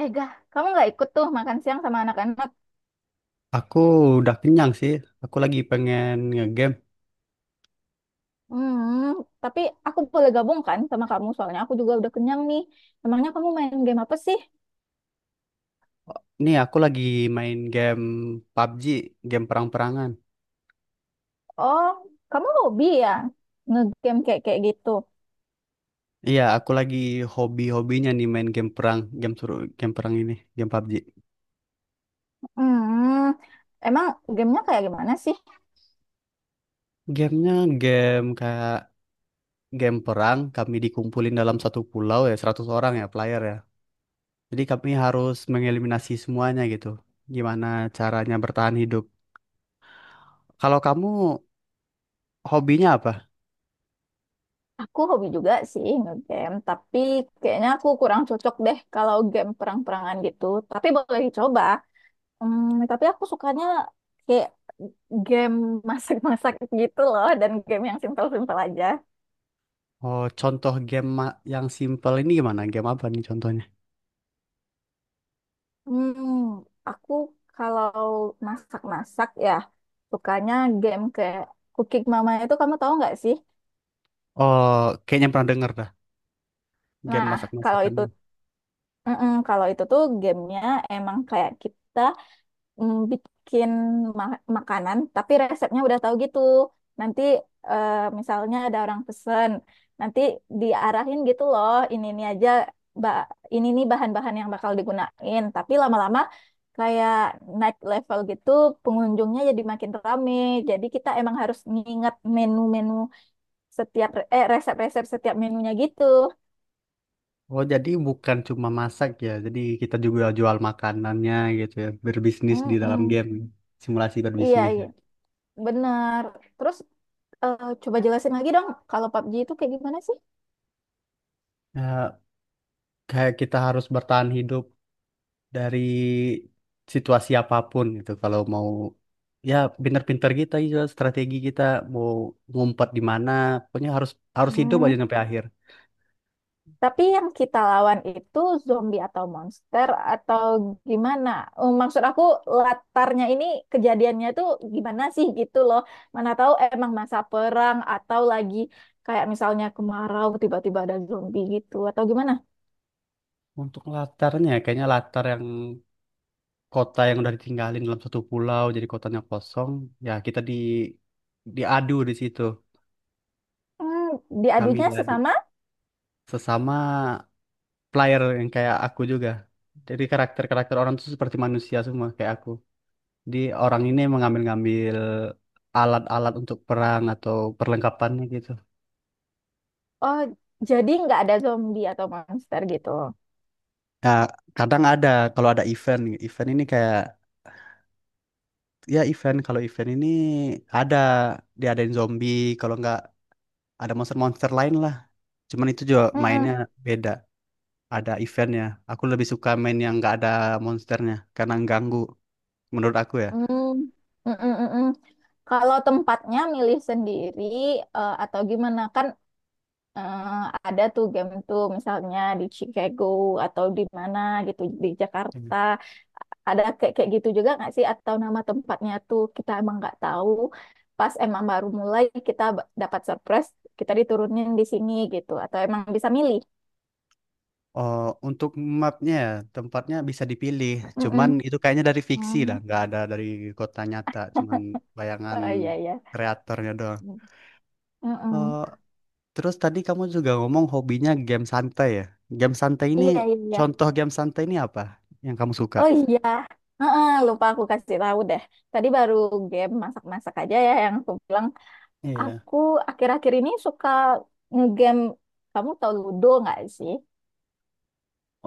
Eh, Gah, kamu nggak ikut tuh makan siang sama anak-anak? Aku udah kenyang sih. Aku lagi pengen ngegame. Hmm, tapi aku boleh gabung kan sama kamu, soalnya aku juga udah kenyang nih. Emangnya kamu main game apa sih? Nih, aku lagi main game PUBG, game perang-perangan. Oh, kamu hobi ya? Ngegame kayak kayak gitu. Iya, aku lagi hobi-hobinya nih main game perang, game suruh game perang ini, game PUBG. Hmm, emang gamenya kayak gimana sih? Gamenya game kayak game perang, kami dikumpulin dalam satu pulau ya, 100 orang ya player ya. Jadi kami harus mengeliminasi semuanya gitu. Gimana caranya bertahan hidup. Kalau kamu hobinya apa? Aku hobi juga sih ngegame, tapi kayaknya aku kurang cocok deh kalau game perang-perangan gitu. Tapi boleh dicoba. Hmm, tapi aku sukanya kayak game masak-masak gitu loh, dan game yang simpel-simpel aja. Oh, contoh game yang simple ini gimana? Game apa nih contohnya? Hmm, aku kalau masak-masak ya sukanya game kayak Cooking Mama, itu kamu tahu nggak sih? Oh, kayaknya pernah denger dah game Nah, kalau itu, masak-masakannya. Mm-mm, kalau itu tuh gamenya emang kayak kita bikin makanan, tapi resepnya udah tahu gitu. Nanti eh, misalnya ada orang pesen, nanti diarahin gitu loh, ini aja, ba- ini nih bahan-bahan yang bakal digunain. Tapi lama-lama kayak naik level gitu, pengunjungnya jadi makin rame. Jadi kita emang harus nginget menu-menu setiap resep-resep setiap menunya gitu. Oh, jadi bukan cuma masak ya. Jadi kita juga jual makanannya gitu ya. Berbisnis di dalam Mm-mm. game. Simulasi Iya, berbisnis. iya. Ya, Benar. Terus coba jelasin lagi dong, kalau PUBG itu kayak gimana sih? Eh, kayak kita harus bertahan hidup dari situasi apapun gitu. Kalau mau ya pinter-pinter kita juga strategi kita mau ngumpet di mana. Pokoknya harus harus hidup Hmm, aja sampai akhir. tapi yang kita lawan itu zombie atau monster atau gimana? Eh, maksud aku latarnya ini, kejadiannya tuh gimana sih gitu loh. Mana tahu emang masa perang atau lagi kayak misalnya kemarau tiba-tiba ada zombie gitu atau gimana? Untuk latarnya kayaknya latar yang kota yang udah ditinggalin dalam satu pulau, jadi kotanya kosong ya kita diadu di situ. Hmm, Kami diadunya diadu sesama. sesama player yang kayak aku juga, jadi karakter-karakter orang tuh seperti manusia semua kayak aku. Di orang ini mengambil-ngambil alat-alat untuk perang atau perlengkapannya gitu. Oh, jadi nggak ada zombie atau monster gitu. Ya kadang ada, kalau ada event event ini kayak, ya event, kalau event ini ada diadain zombie, kalau nggak ada monster-monster lain lah. Cuman itu juga mainnya Mm-mm. beda, ada eventnya. Aku lebih suka main yang nggak ada monsternya karena ganggu menurut aku ya. Hmm, mm, mm, mm, mm. Kalau tempatnya milih sendiri atau gimana kan, eh, ada tuh game tuh misalnya di Chicago atau di mana gitu, di Hmm. Jakarta, ada kayak kayak gitu juga nggak sih, atau nama tempatnya tuh kita emang nggak tahu pas emang baru mulai, kita dapat surprise, kita diturunin di sini gitu, atau emang bisa milih. Oh, untuk mapnya ya, tempatnya bisa dipilih. Mm, Cuman mm. itu kayaknya dari fiksi lah, Hmm. nggak ada dari kota nyata. Cuman bayangan Oh iya iya. kreatornya doang. Mm, mm. Oh, terus tadi kamu juga ngomong hobinya game santai ya. Game santai ini, Iya iya, iya. contoh game santai ini apa yang kamu suka? Oh iya, heeh, lupa aku kasih tahu deh. Tadi baru game masak-masak aja ya yang aku bilang. Iya. Aku akhir-akhir ini suka ngegame. Kamu tahu Ludo nggak sih?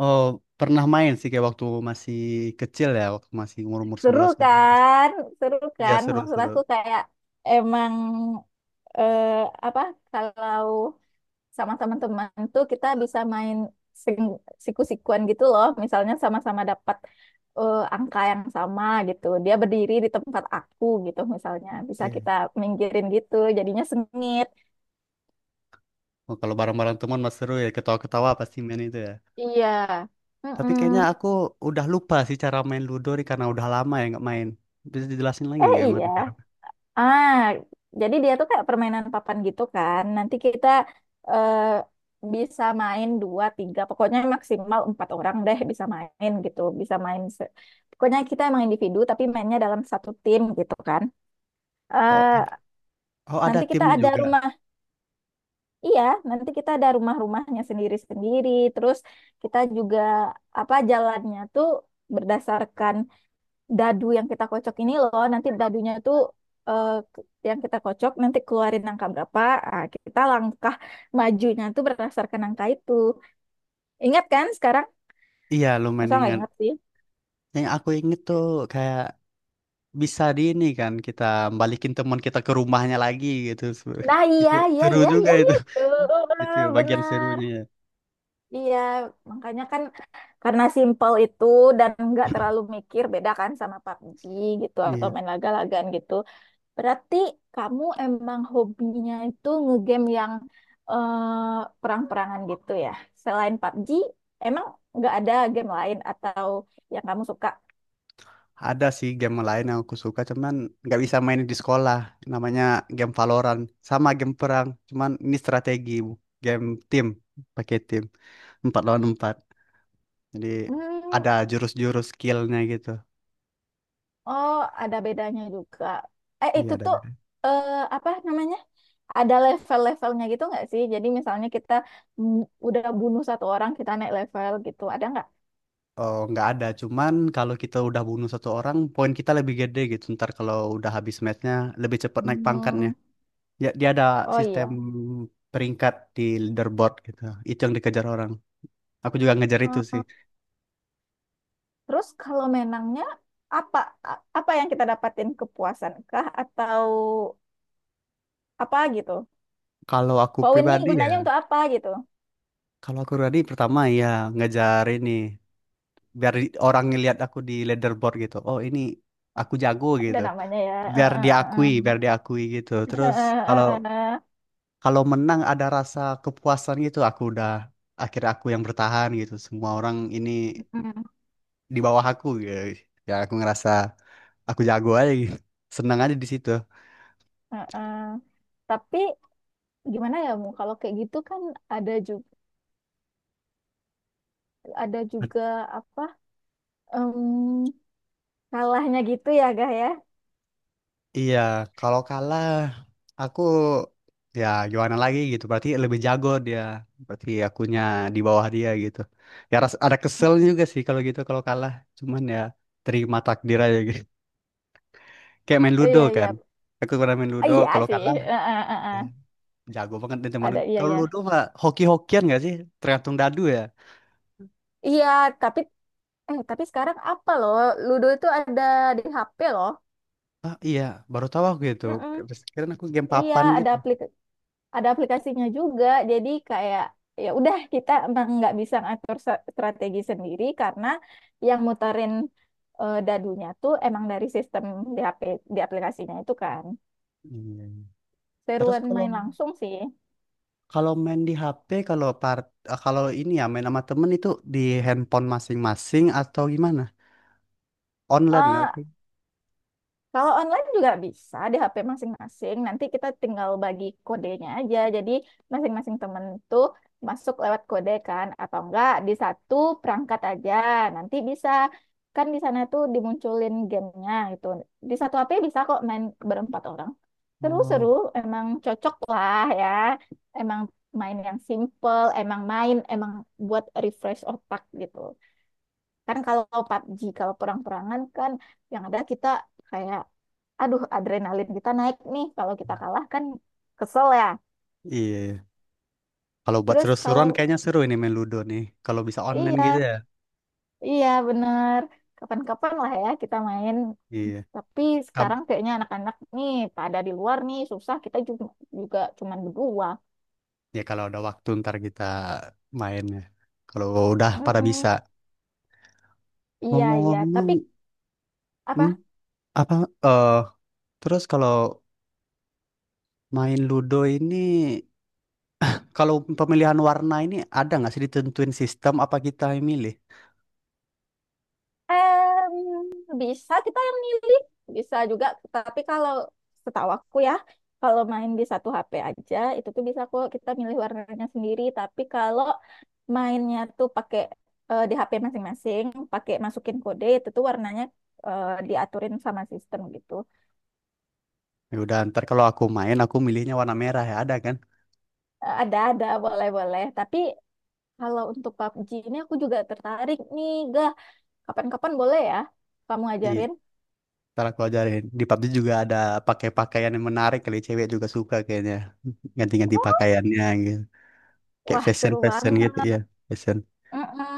Oh, pernah main sih kayak waktu masih kecil ya, waktu masih umur-umur Seru 11-12. kan? Seru Iya, kan? Maksud seru-seru. aku kayak emang eh, apa? Kalau sama teman-teman tuh kita bisa main siku-sikuan gitu loh. Misalnya sama-sama dapat angka yang sama gitu. Dia berdiri di tempat aku gitu misalnya. Bisa kita Iya. minggirin gitu. Jadinya sengit. Oh, kalau bareng-bareng teman mas seru ya, ketawa-ketawa pasti main itu ya. Iya. Tapi Mm-mm. kayaknya aku udah lupa sih cara main Ludo nih karena udah lama ya nggak main. Bisa dijelasin lagi Eh nggak iya. gimana cara? Ah, jadi dia tuh kayak permainan papan gitu kan. Nanti kita eh, bisa main dua, tiga, pokoknya maksimal empat orang deh bisa main gitu. Bisa main, pokoknya kita emang individu tapi mainnya dalam satu tim gitu kan. Oh Eh, ada, oh ada nanti kita timnya ada juga. rumah, iya, nanti kita ada rumah-rumahnya sendiri-sendiri. Terus kita juga apa jalannya tuh berdasarkan dadu yang kita kocok ini loh, nanti dadunya tuh eh, yang kita kocok nanti keluarin angka berapa, kita langkah majunya tuh berdasarkan angka itu. Ingat kan sekarang? Iya lumayan Masa nggak ingat. ingat sih? Yang aku inget tuh kayak bisa di ini kan kita balikin teman kita ke rumahnya lagi gitu. Nah iya Itu iya seru iya juga iya itu. iya tuh, Itu bagian bener, serunya ya. iya, makanya kan, karena simple itu dan nggak terlalu mikir, beda kan sama PUBG gitu atau Iya. main laga-lagaan gitu. Berarti kamu emang hobinya itu ngegame yang eh, perang-perangan gitu ya? Selain PUBG, emang nggak ada game lain atau yang kamu suka? Ada sih game lain yang aku suka, cuman nggak bisa main di sekolah. Namanya game Valorant, sama game perang. Cuman ini strategi, game tim, pakai tim, empat lawan empat. Jadi Hmm, ada jurus-jurus skillnya gitu. oh ada bedanya juga. Eh Iya itu ada. tuh Ben. eh, apa namanya? Ada level-levelnya gitu nggak sih? Jadi misalnya kita mm, udah bunuh satu orang, kita naik level gitu, ada nggak? Oh nggak ada, cuman kalau kita udah bunuh satu orang, poin kita lebih gede gitu. Ntar kalau udah habis matchnya, lebih cepet naik pangkatnya. Hmm, Ya, dia ada oh sistem iya. peringkat di leaderboard gitu. Itu yang dikejar orang. Aku juga ngejar itu sih. Terus kalau menangnya apa, apa yang kita dapatin, kepuasan kah atau apa gitu? Kalau aku Poin ini pribadi ya. gunanya untuk apa gitu? Kalau aku tadi pertama ya ngejar ini biar orang ngelihat aku di leaderboard gitu. Oh ini aku jago Ada gitu. namanya ya. Biar diakui gitu. Terus kalau kalau menang ada rasa kepuasan gitu. Aku udah akhirnya aku yang bertahan gitu. Semua orang ini di bawah aku gitu. Ya aku ngerasa aku jago aja gitu. Senang aja di situ. Tapi gimana ya Mu? Kalau kayak gitu kan ada juga, ada juga apa, em, kalahnya gitu ya Gah ya? Iya, kalau kalah aku ya gimana lagi gitu. Berarti lebih jago dia. Berarti akunya di bawah dia gitu. Ya ada kesel juga sih kalau gitu kalau kalah. Cuman ya terima takdir aja gitu. Kayak main ludo Iya kan. iya, Aku pernah main ludo iya kalau sih. kalah Eh, eh, eh, ya eh. jago banget nih teman. Ada iya Kalau ya. ludo mah hoki-hokian gak sih? Tergantung dadu ya. Iya, tapi eh, tapi sekarang apa loh? Ludo itu ada di HP loh. Ah iya, baru tahu aku itu. Mm-mm. Terus kirain aku game Iya, papan ada gitu. Ada aplikasinya juga. Jadi kayak ya udah, kita emang nggak bisa ngatur strategi sendiri karena yang muterin dadunya tuh emang dari sistem di HP, di aplikasinya itu kan. Iya. Terus Seruan kalau main langsung sih. Kalau main di HP, kalau kalau ini ya main sama temen itu di handphone masing-masing atau gimana? Online ya? Eh, Oke. Kalau online juga bisa di HP masing-masing. Nanti kita tinggal bagi kodenya aja. Jadi masing-masing temen tuh masuk lewat kode kan, atau enggak di satu perangkat aja. Nanti bisa kan, di sana tuh dimunculin gamenya gitu. Di satu HP bisa kok main berempat orang. Seru-seru, Oh emang cocok lah ya. Emang main yang simple, emang main, emang buat refresh otak gitu. Kan kalau PUBG, kalau perang-perangan kan yang ada kita kayak, aduh adrenalin kita naik nih. Kalau kita iya. kalah kan kesel ya. Iya. Kalau buat Terus seru-seruan kalau, kayaknya seru ini main Ludo nih. Kalau bisa online gitu iya, ya. iya bener. Kapan-kapan lah ya kita main. Iya. Tapi Kab- sekarang kayaknya anak-anak nih pada di luar nih, susah. Kita juga, juga cuman berdua. ya kalau ada waktu ntar kita main ya. Kalau udah pada bisa. Mm-mm. Iya, iya. Tapi Ngomong-ngomong, hmm, apa? apa? Eh terus kalau main Ludo ini, kalau pemilihan warna ini ada nggak sih ditentuin sistem apa kita yang milih? Eh, bisa kita yang milih, bisa juga. Tapi kalau setahu aku ya, kalau main di satu HP aja, itu tuh bisa kok kita milih warnanya sendiri. Tapi kalau mainnya tuh pakai di HP masing-masing, pakai masukin kode, itu tuh warnanya diaturin sama sistem gitu. Ya udah ntar kalau aku main aku milihnya warna merah ya ada kan? Eh, ada, boleh-boleh. Tapi kalau untuk PUBG ini aku juga tertarik nih, Gah. Kapan-kapan boleh ya kamu Iya. ajarin? Ntar aku ajarin. Di PUBG juga ada pakai pakaian yang menarik kali cewek juga suka kayaknya ganti-ganti Oh, pakaiannya gitu. Kayak wah, fashion seru fashion gitu banget. ya fashion. Mm-mm.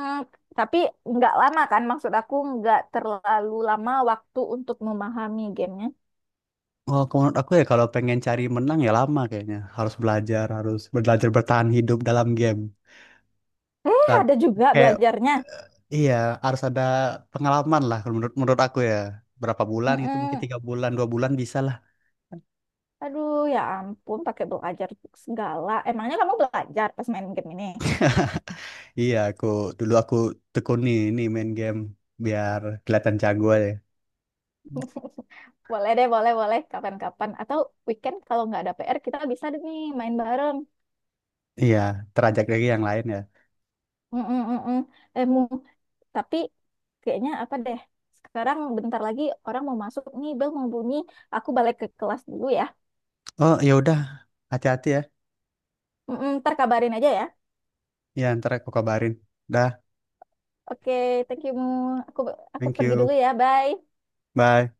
Tapi nggak lama kan, maksud aku nggak terlalu lama waktu untuk memahami gamenya. Oh, kalau menurut aku ya kalau pengen cari menang ya lama kayaknya. Harus belajar bertahan hidup dalam game. Eh, Ra- ada juga Kayak belajarnya. iya harus ada pengalaman lah kalau menurut menurut aku ya. Berapa bulan gitu, mungkin Mm-mm. 3 bulan 2 bulan bisa. Aduh, ya ampun, pakai belajar segala. Emangnya kamu belajar pas main game ini? Iya, aku dulu aku tekuni ini main game biar kelihatan jago aja. Boleh deh, boleh, boleh. Kapan-kapan. Atau weekend kalau nggak ada PR, kita bisa deh nih main bareng. Iya, terajak lagi yang lain ya. Mm-mm-mm. Eh, Mu, tapi kayaknya apa deh? Sekarang bentar lagi orang mau masuk nih, bel mau bunyi. Aku balik ke kelas dulu ya. Oh, ya udah. Hati-hati ya. Mm-mm, ntar kabarin aja ya. Ya, ntar aku kabarin. Dah, Oke, thank you Mu. Aku aku thank pergi dulu you. ya. Bye. Bye.